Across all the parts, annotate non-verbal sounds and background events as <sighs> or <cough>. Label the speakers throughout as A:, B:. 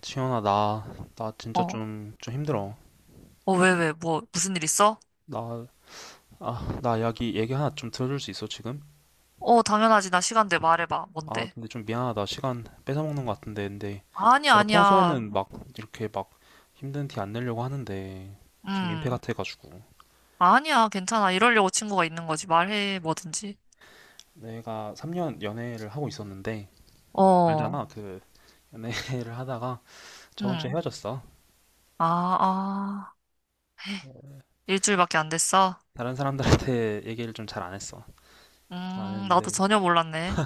A: 지현아, 나 진짜
B: 어,
A: 좀 힘들어.
B: 어, 왜, 뭐, 무슨 일 있어?
A: 나, 나 얘기 하나 좀 들어줄 수 있어, 지금?
B: 어, 당연하지. 나 시간 돼. 말해봐.
A: 아,
B: 뭔데?
A: 근데 좀 미안하다. 시간 뺏어먹는 것 같은데. 근데
B: 아니야,
A: 내가
B: 아니야.
A: 평소에는 막, 이렇게 막 힘든 티 안 내려고 하는데, 좀 민폐
B: 음,
A: 같아가지고.
B: 아니야. 괜찮아. 이러려고 친구가 있는 거지. 말해, 뭐든지.
A: 내가 3년 연애를 하고 있었는데,
B: 어,
A: 알잖아. 그, 연애를 <laughs> 하다가 저번 주에
B: 음.
A: 헤어졌어.
B: 아, 아. 일주일밖에 안 됐어?
A: 다른 사람들한테 얘기를 좀 잘 안 했어. 잘 안
B: 나도
A: 했는데,
B: 전혀 몰랐네.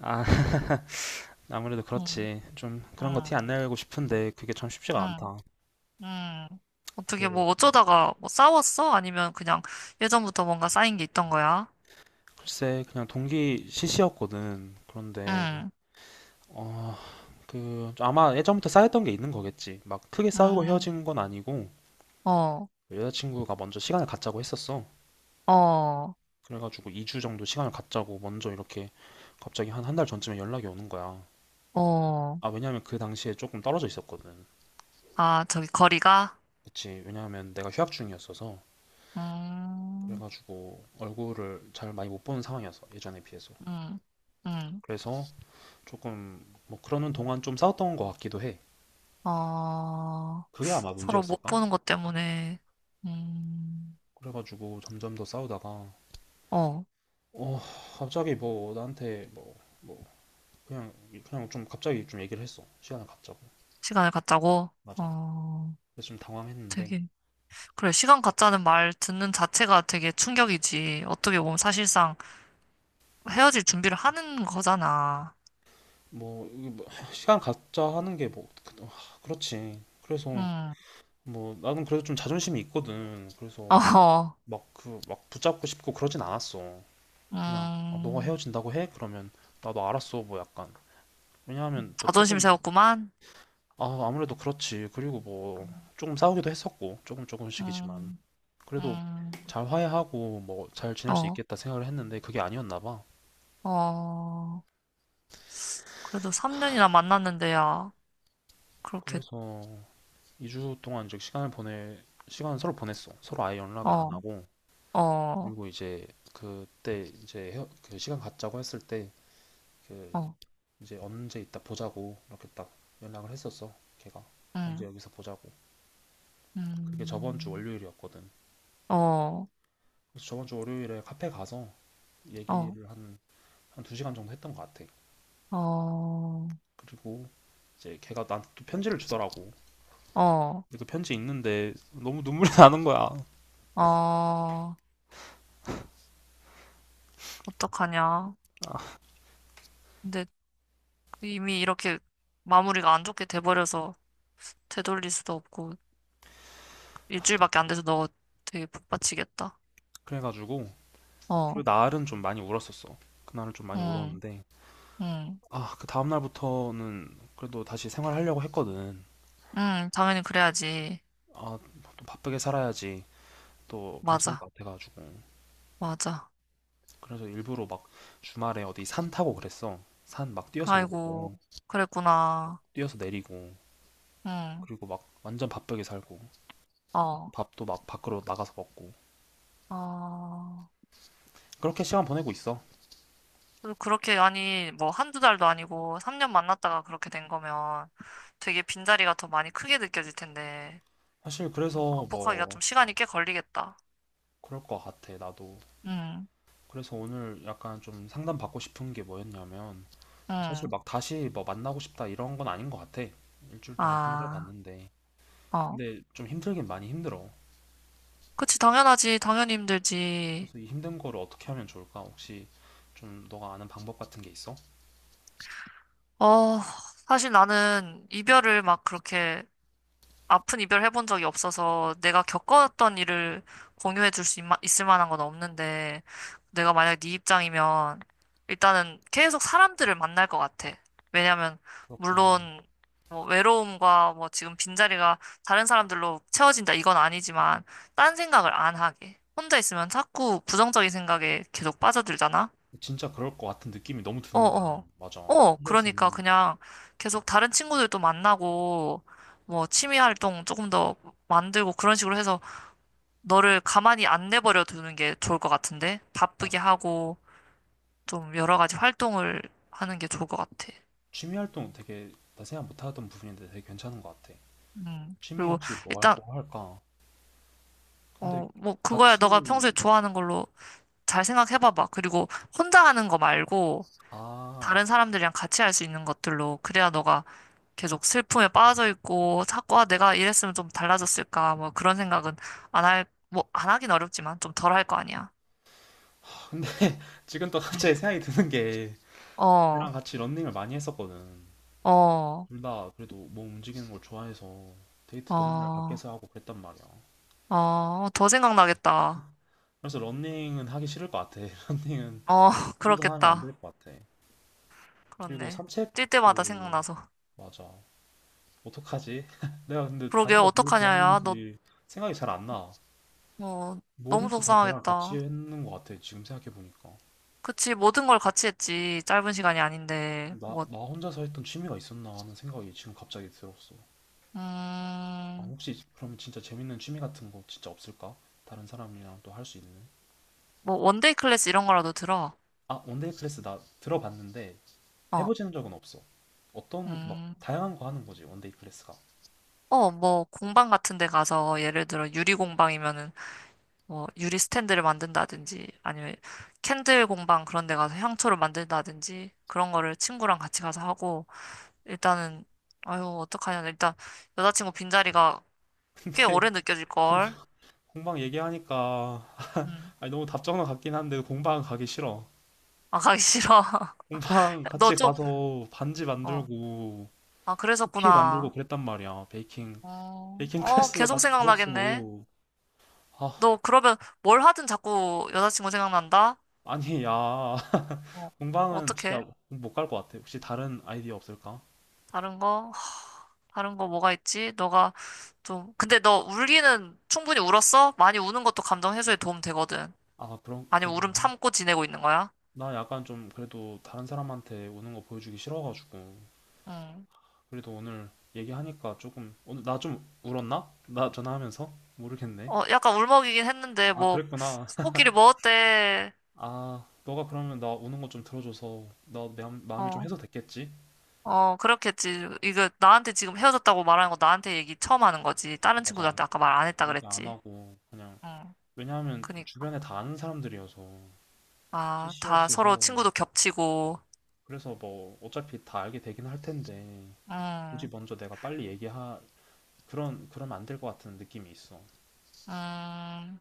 A: 아, <laughs> 아무래도
B: 음,
A: 그렇지. 좀 그런 거
B: 음,
A: 티 안 내고 싶은데, 그게 참 쉽지가
B: 음,
A: 않다.
B: 음. 어떻게
A: 그
B: 뭐 어쩌다가 뭐 싸웠어? 아니면 그냥 예전부터 뭔가 쌓인 게 있던 거야?
A: 글쎄 그냥 동기 시시였거든. 그런데
B: 음,
A: 어, 그 아마 예전부터 쌓였던 게 있는 거겠지. 막 크게 싸우고
B: 음,
A: 헤어진 건 아니고
B: 어,
A: 여자친구가 먼저 시간을 갖자고 했었어.
B: 어,
A: 그래가지고 2주 정도 시간을 갖자고 먼저 이렇게 갑자기 한 한 달 전쯤에 연락이 오는 거야.
B: 어.
A: 아, 왜냐면 그 당시에 조금 떨어져 있었거든.
B: 아, 저기 거리가?
A: 그치, 왜냐면 내가 휴학 중이었어서,
B: 음,
A: 그래가지고 얼굴을 잘 많이 못 보는 상황이었어, 예전에 비해서.
B: 음, 음.
A: 그래서 조금 뭐 그러는 동안 좀 싸웠던 것 같기도 해.
B: 어,
A: 그게 아마
B: 서로 못
A: 문제였을까?
B: 보는 것 때문에, 음,
A: 그래가지고 점점 더 싸우다가
B: 어,
A: 어 갑자기 뭐 나한테 뭐 그냥 그냥 좀 갑자기 좀 얘기를 했어, 시간을 갖자고.
B: 시간을 갖자고?
A: 맞아.
B: 어,
A: 그래서 좀 당황했는데
B: 되게, 그래, 시간 갖자는 말 듣는 자체가 되게 충격이지. 어떻게 보면 사실상 헤어질 준비를 하는 거잖아.
A: 뭐, 이게 뭐 <sighs> 시간 갖자 하는 게뭐 그렇지. 그래서
B: 음,
A: 뭐 나는 그래도 좀 자존심이 있거든.
B: <laughs>
A: 그래서
B: 어,
A: 막 그 막 붙잡고 싶고 그러진 않았어. 그냥 아, 너가
B: 음,
A: 헤어진다고 해? 그러면 나도 알았어, 뭐 약간, 왜냐하면 뭐
B: 자존심
A: 조금,
B: 세웠구만.
A: 아, 아무래도 그렇지. 그리고 뭐 조금 싸우기도 했었고, 조금 조금씩이지만,
B: 음,
A: 그래도
B: 음,
A: 잘 화해하고 뭐 잘 지낼 수
B: 어,
A: 있겠다 생각을 했는데 그게 아니었나 봐.
B: 어, 그래도 3년이나 만났는데야, 그렇게,
A: 그래서 2주 동안 이제 시간을 서로 보냈어. 서로 아예 연락을 안
B: 어.
A: 하고.
B: 어,
A: 그리고 이제 그때 이제 그 시간 갖자고 했을 때 그
B: 어,
A: 이제 언제 이따 보자고 이렇게 딱 연락을 했었어, 걔가. 언제
B: 음,
A: 여기서 보자고. 그게 저번 주
B: 음,
A: 월요일이었거든.
B: 어,
A: 그래서 저번 주 월요일에 카페 가서
B: 어,
A: 얘기를 한 한 두 시간 정도 했던 것 같아.
B: 어,
A: 그리고 이제 걔가 나한테 또 편지를 주더라고.
B: 어,
A: 그래 편지 있는데 너무 눈물이 <laughs> 나는 거야.
B: 어, 어떡하냐.
A: 아,
B: 근데 이미 이렇게 마무리가 안 좋게 돼버려서 되돌릴 수도 없고, 일주일밖에 안 돼서 너 되게 복받치겠다.
A: 그래가지고 그
B: 어,
A: 날은 좀 많이 울었었어. 그날은 좀 많이
B: 응,
A: 울었는데,
B: 응,
A: 아, 그 다음 날부터는 그래도 다시 생활하려고 했거든.
B: 응, 당연히 그래야지.
A: 아, 또 바쁘게 살아야지, 또 괜찮을
B: 맞아,
A: 것 같아가지고.
B: 맞아.
A: 그래서 일부러 막 주말에 어디 산 타고 그랬어. 산 막 뛰어서
B: 아이고,
A: 오르고 막
B: 그랬구나.
A: 뛰어서 내리고,
B: 응,
A: 그리고 막 완전 바쁘게 살고
B: 어,
A: 밥도 막 밖으로 나가서 먹고,
B: 어.
A: 그렇게 시간 보내고 있어.
B: 그래서 그렇게, 아니, 뭐, 한두 달도 아니고, 3년 만났다가 그렇게 된 거면 되게 빈자리가 더 많이 크게 느껴질 텐데,
A: 사실 그래서
B: 극복하기가
A: 뭐
B: 좀 시간이 꽤 걸리겠다.
A: 그럴 것 같아 나도.
B: 응,
A: 그래서 오늘 약간 좀 상담받고 싶은 게 뭐였냐면, 사실
B: 응,
A: 막 다시 뭐 만나고 싶다 이런 건 아닌 것 같아. 일주일 동안
B: 아,
A: 생각해봤는데.
B: 어.
A: 근데 좀 힘들긴 많이 힘들어.
B: 그치, 당연하지. 당연히 힘들지.
A: 그래서 이 힘든 거를 어떻게 하면 좋을까? 혹시 좀 너가 아는 방법 같은 게 있어?
B: 어, 사실 나는 이별을 막 그렇게 아픈 이별 해본 적이 없어서 내가 겪었던 일을 공유해 줄 수 있을 만한 건 없는데 내가 만약 네 입장이면 일단은 계속 사람들을 만날 것 같아. 왜냐면
A: 그렇구나.
B: 물론 뭐 외로움과 뭐 지금 빈자리가 다른 사람들로 채워진다 이건 아니지만 딴 생각을 안 하게. 혼자 있으면 자꾸 부정적인 생각에 계속 빠져들잖아.
A: 진짜 그럴 것 같은 느낌이 너무 드는 거야.
B: 어어.
A: 맞아.
B: 어, 어,
A: 혼자
B: 그러니까
A: 있으면,
B: 그냥 계속 다른 친구들도 만나고, 뭐, 취미 활동 조금 더 만들고 그런 식으로 해서 너를 가만히 안 내버려 두는 게 좋을 것 같은데?
A: 아,
B: 바쁘게 하고, 좀 여러 가지 활동을 하는 게 좋을 것 같아.
A: 취미 활동 되게 나 생각 못 하던 부분인데 되게 괜찮은 것 같아.
B: 음.
A: 취미
B: 그리고
A: 혹시 뭐,
B: 일단,
A: 뭐 할까? 근데
B: 어, 뭐, 그거야 너가
A: 같이,
B: 평소에 좋아하는 걸로 잘 생각해봐봐. 그리고 혼자 하는 거 말고,
A: 아,
B: 다른 사람들이랑 같이 할 수 있는 것들로 그래야 너가 계속 슬픔에 빠져 있고 자꾸 아, 내가 이랬으면 좀 달라졌을까 뭐 그런 생각은 안 할, 뭐 안 하긴 어렵지만 좀 덜 할 거 아니야.
A: 근데 <laughs> 지금 또 갑자기
B: 응.
A: 생각이 드는 게
B: 어,
A: 걔랑 같이 런닝을 많이 했었거든.
B: 어,
A: 둘 다 그래도 몸 움직이는 걸 좋아해서 데이트도 맨날
B: 어,
A: 밖에서 하고 그랬단 말이야.
B: 어, 더 생각나겠다.
A: 그래서 런닝은 하기 싫을 것 같아. <laughs> 런닝은
B: 어, <laughs>
A: 혼자 하면 안
B: 그렇겠다.
A: 될 것 같아. 그리고
B: 그렇네. 뛸 때마다
A: 산책도.
B: 생각나서.
A: 맞아. 어떡하지? <laughs> 내가 근데
B: 그러게
A: 다른 걸 뭘
B: 어떡하냐, 야. 너,
A: 좋아하는지 생각이 잘 안 나.
B: 어, 너무
A: 뭐든지 다 걔랑 같이
B: 속상하겠다.
A: 했는 것 같아. 지금 생각해 보니까.
B: 그치, 모든 걸 같이 했지. 짧은 시간이 아닌데.
A: 나,
B: 뭐,
A: 나 혼자서 했던 취미가 있었나 하는 생각이 지금 갑자기 들었어. 아,
B: 음,
A: 혹시 그럼 진짜 재밌는 취미 같은 거 진짜 없을까? 다른 사람이랑 또 할 수 있는?
B: 뭐 원데이 클래스 이런 거라도 들어.
A: 아, 원데이 클래스 나 들어봤는데
B: 어.
A: 해보지는 적은 없어. 어떤 막
B: 음.
A: 다양한 거 하는 거지, 원데이 클래스가.
B: 어, 뭐 공방 같은 데 가서 예를 들어 유리 공방이면은 뭐 유리 스탠드를 만든다든지 아니면 캔들 공방 그런 데 가서 향초를 만든다든지 그런 거를 친구랑 같이 가서 하고 일단은 아유, 어떡하냐. 일단 여자친구 빈자리가 꽤
A: <laughs>
B: 오래 느껴질
A: 공-
B: 걸.
A: 공방 얘기하니까,
B: 음.
A: 아니, 너무 답정너 같긴 한데 공방 가기 싫어.
B: 아, 가기 싫어.
A: 공방
B: <laughs> 너
A: 같이
B: 좀,
A: 가서 반지
B: 어.
A: 만들고
B: 아,
A: 쿠키 만들고
B: 그랬었구나.
A: 그랬단 말이야. 베이킹
B: 어,
A: 베이킹
B: 어,
A: 클래스도
B: 계속
A: 같이 들었어.
B: 생각나겠네.
A: 아,
B: 너 그러면 뭘 하든 자꾸 여자친구 생각난다?
A: 아니 야. <laughs>
B: 어,
A: 공방은 진짜
B: 어떡해?
A: 못 갈 것 같아. 혹시 다른 아이디어 없을까?
B: 다른 거? 하, 다른 거 뭐가 있지? 너가 좀, 근데 너 울기는 충분히 울었어? 많이 우는 것도 감정 해소에 도움 되거든.
A: 아,
B: 아니면 울음
A: 그런가?
B: 참고 지내고 있는 거야?
A: 나 약간 좀 그래도 다른 사람한테 우는 거 보여주기 싫어가지고.
B: 응.
A: 그래도 오늘 얘기하니까 조금, 오늘 나 좀 울었나? 나 전화하면서? 모르겠네.
B: 어, 약간 울먹이긴 했는데,
A: 아,
B: 뭐,
A: 그랬구나. <laughs>
B: 친구끼리 뭐 어때?
A: 아, 너가 그러면 나 우는 거 좀 들어줘서 나 마음이 좀
B: 어,
A: 해소됐겠지?
B: 어, 그렇겠지. 이거 나한테 지금 헤어졌다고 말하는 거 나한테 얘기 처음 하는 거지. 다른
A: 맞아.
B: 친구들한테 아까 말 안 했다
A: 얘기 안
B: 그랬지.
A: 하고, 그냥.
B: 응,
A: 왜냐하면
B: 그니까.
A: 주변에 다 아는 사람들이어서,
B: 아, 다 서로
A: CC였어서.
B: 친구도 겹치고,
A: 그래서 뭐, 어차피 다 알게 되긴 할 텐데, 굳이
B: 응,
A: 먼저 내가 빨리 그러면 안 될 것 같은 느낌이 있어.
B: 음,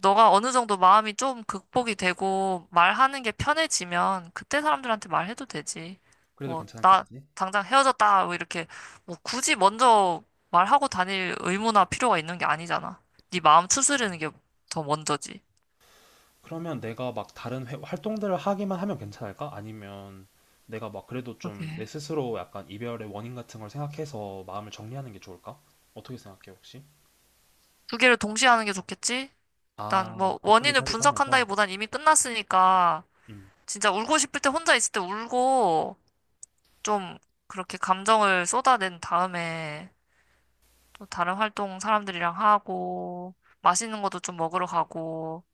B: 너가 어느 정도 마음이 좀 극복이 되고 말하는 게 편해지면 그때 사람들한테 말해도 되지.
A: 그래도
B: 뭐, 나
A: 괜찮겠지?
B: 당장 헤어졌다. 뭐 이렇게 뭐 굳이 먼저 말하고 다닐 의무나 필요가 있는 게 아니잖아. 네 마음 추스르는
A: 어,
B: 게 더 먼저지.
A: 그러면 내가 막 다른 활동들을 하기만 하면 괜찮을까? 아니면 내가 막 그래도 좀 내
B: 그렇게.
A: 스스로 약간 이별의 원인 같은 걸 생각해서 마음을 정리하는 게 좋을까? 어떻게 생각해, 혹시?
B: 두 개를 동시에 하는 게 좋겠지? 일단
A: 아,
B: 뭐
A: 바쁘게
B: 원인을
A: 살기도 하면서?
B: 분석한다기보단 이미 끝났으니까
A: 음,
B: 진짜 울고 싶을 때 혼자 있을 때 울고 좀 그렇게 감정을 쏟아낸 다음에 또 다른 활동 사람들이랑 하고, 맛있는 것도 좀 먹으러 가고,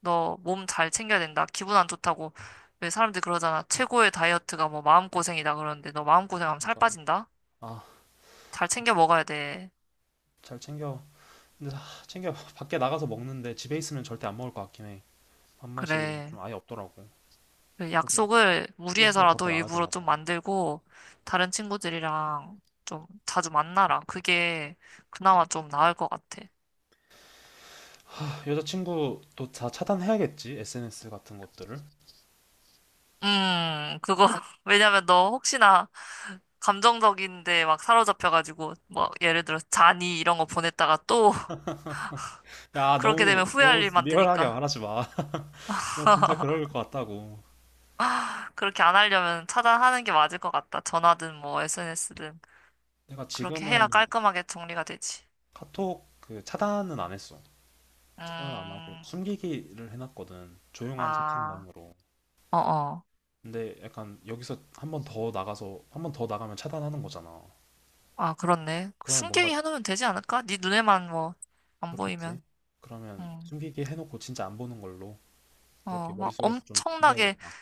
B: 너 몸 잘 챙겨야 된다. 기분 안 좋다고. 왜 사람들이 그러잖아. 최고의 다이어트가 뭐 마음고생이다 그러는데 너 마음고생하면 살
A: 맞아.
B: 빠진다?
A: 아,
B: 잘 챙겨 먹어야 돼.
A: 잘 챙겨. 근데 아, 챙겨. <laughs> 밖에 나가서 먹는데 집에 있으면 절대 안 먹을 것 같긴 해. 밥맛이
B: 그래.
A: 좀 아예 없더라고.
B: 그
A: 그래서
B: 약속을
A: 꾸역꾸역 밖에
B: 무리해서라도
A: 나가야
B: 일부러
A: 되나
B: 좀
A: 봐.
B: 만들고, 다른 친구들이랑 좀 자주 만나라. 그게 그나마 좀 나을 것 같아.
A: 아, 여자친구 도 다 차단해야겠지? SNS 같은 것들을.
B: 그거. <laughs> 왜냐면 너 혹시나 감정적인데 막 사로잡혀가지고 뭐 예를 들어 잔이 이런 거 보냈다가 또 <laughs>
A: 야,
B: 그렇게 되면
A: 너무, 너무
B: 후회할 일
A: 리얼하게
B: 만드니까
A: 말하지 마. <laughs> 나 진짜 그럴 것 같다고.
B: 그렇게 안 하려면 차단하는 게 맞을 것 같다. 전화든 뭐 SNS든
A: 내가
B: 그렇게 해야
A: 지금은
B: 깔끔하게 정리가 되지.
A: 카톡 그 차단은 안 했어. 차단은 안 하고
B: 음,
A: 숨기기를 해놨거든. 조용한
B: 아,
A: 채팅방으로.
B: 어 어,
A: 근데 약간 여기서 한 번 더 나가서, 한 번 더 나가면 차단하는 거잖아.
B: 아 그렇네.
A: 그러면 뭔가
B: 숨기게 해놓으면 되지 않을까? 네 눈에만 뭐 안
A: 그렇겠지?
B: 보이면,
A: 그러면
B: 음,
A: 숨기기 해놓고 진짜 안 보는 걸로 그렇게
B: 어, 막
A: 머릿속에서 좀
B: 엄청나게
A: 조져야겠다.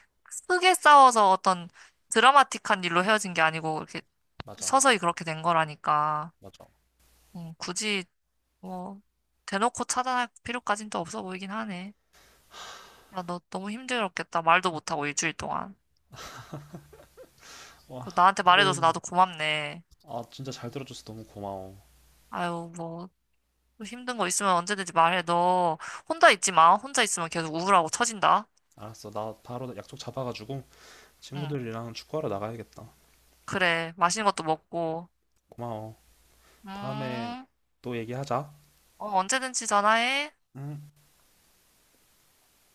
B: 크게 싸워서 어떤 드라마틱한 일로 헤어진 게 아니고 이렇게
A: 맞아,
B: 서서히 그렇게 된 거라니까.
A: 맞아.
B: 굳이 뭐, 대놓고 차단할 필요까진 또 없어 보이긴 하네. 야, 너 너무 힘들었겠다. 말도 못하고 일주일 동안.
A: 와,
B: 그 나한테 말해줘서
A: 너,
B: 나도 고맙네.
A: 진짜 잘 들어줘서 너무 고마워.
B: 아유, 뭐, 또 힘든 거 있으면 언제든지 말해. 너 혼자 있지 마. 혼자 있으면 계속 우울하고 처진다.
A: 알았어, 나 바로 약속 잡아가지고
B: 응,
A: 친구들이랑 축구하러 나가야겠다.
B: 그래. 맛있는 것도 먹고.
A: 고마워. 다음에
B: 음,
A: 또 얘기하자.
B: 어, 언제든지 전화해.
A: 응.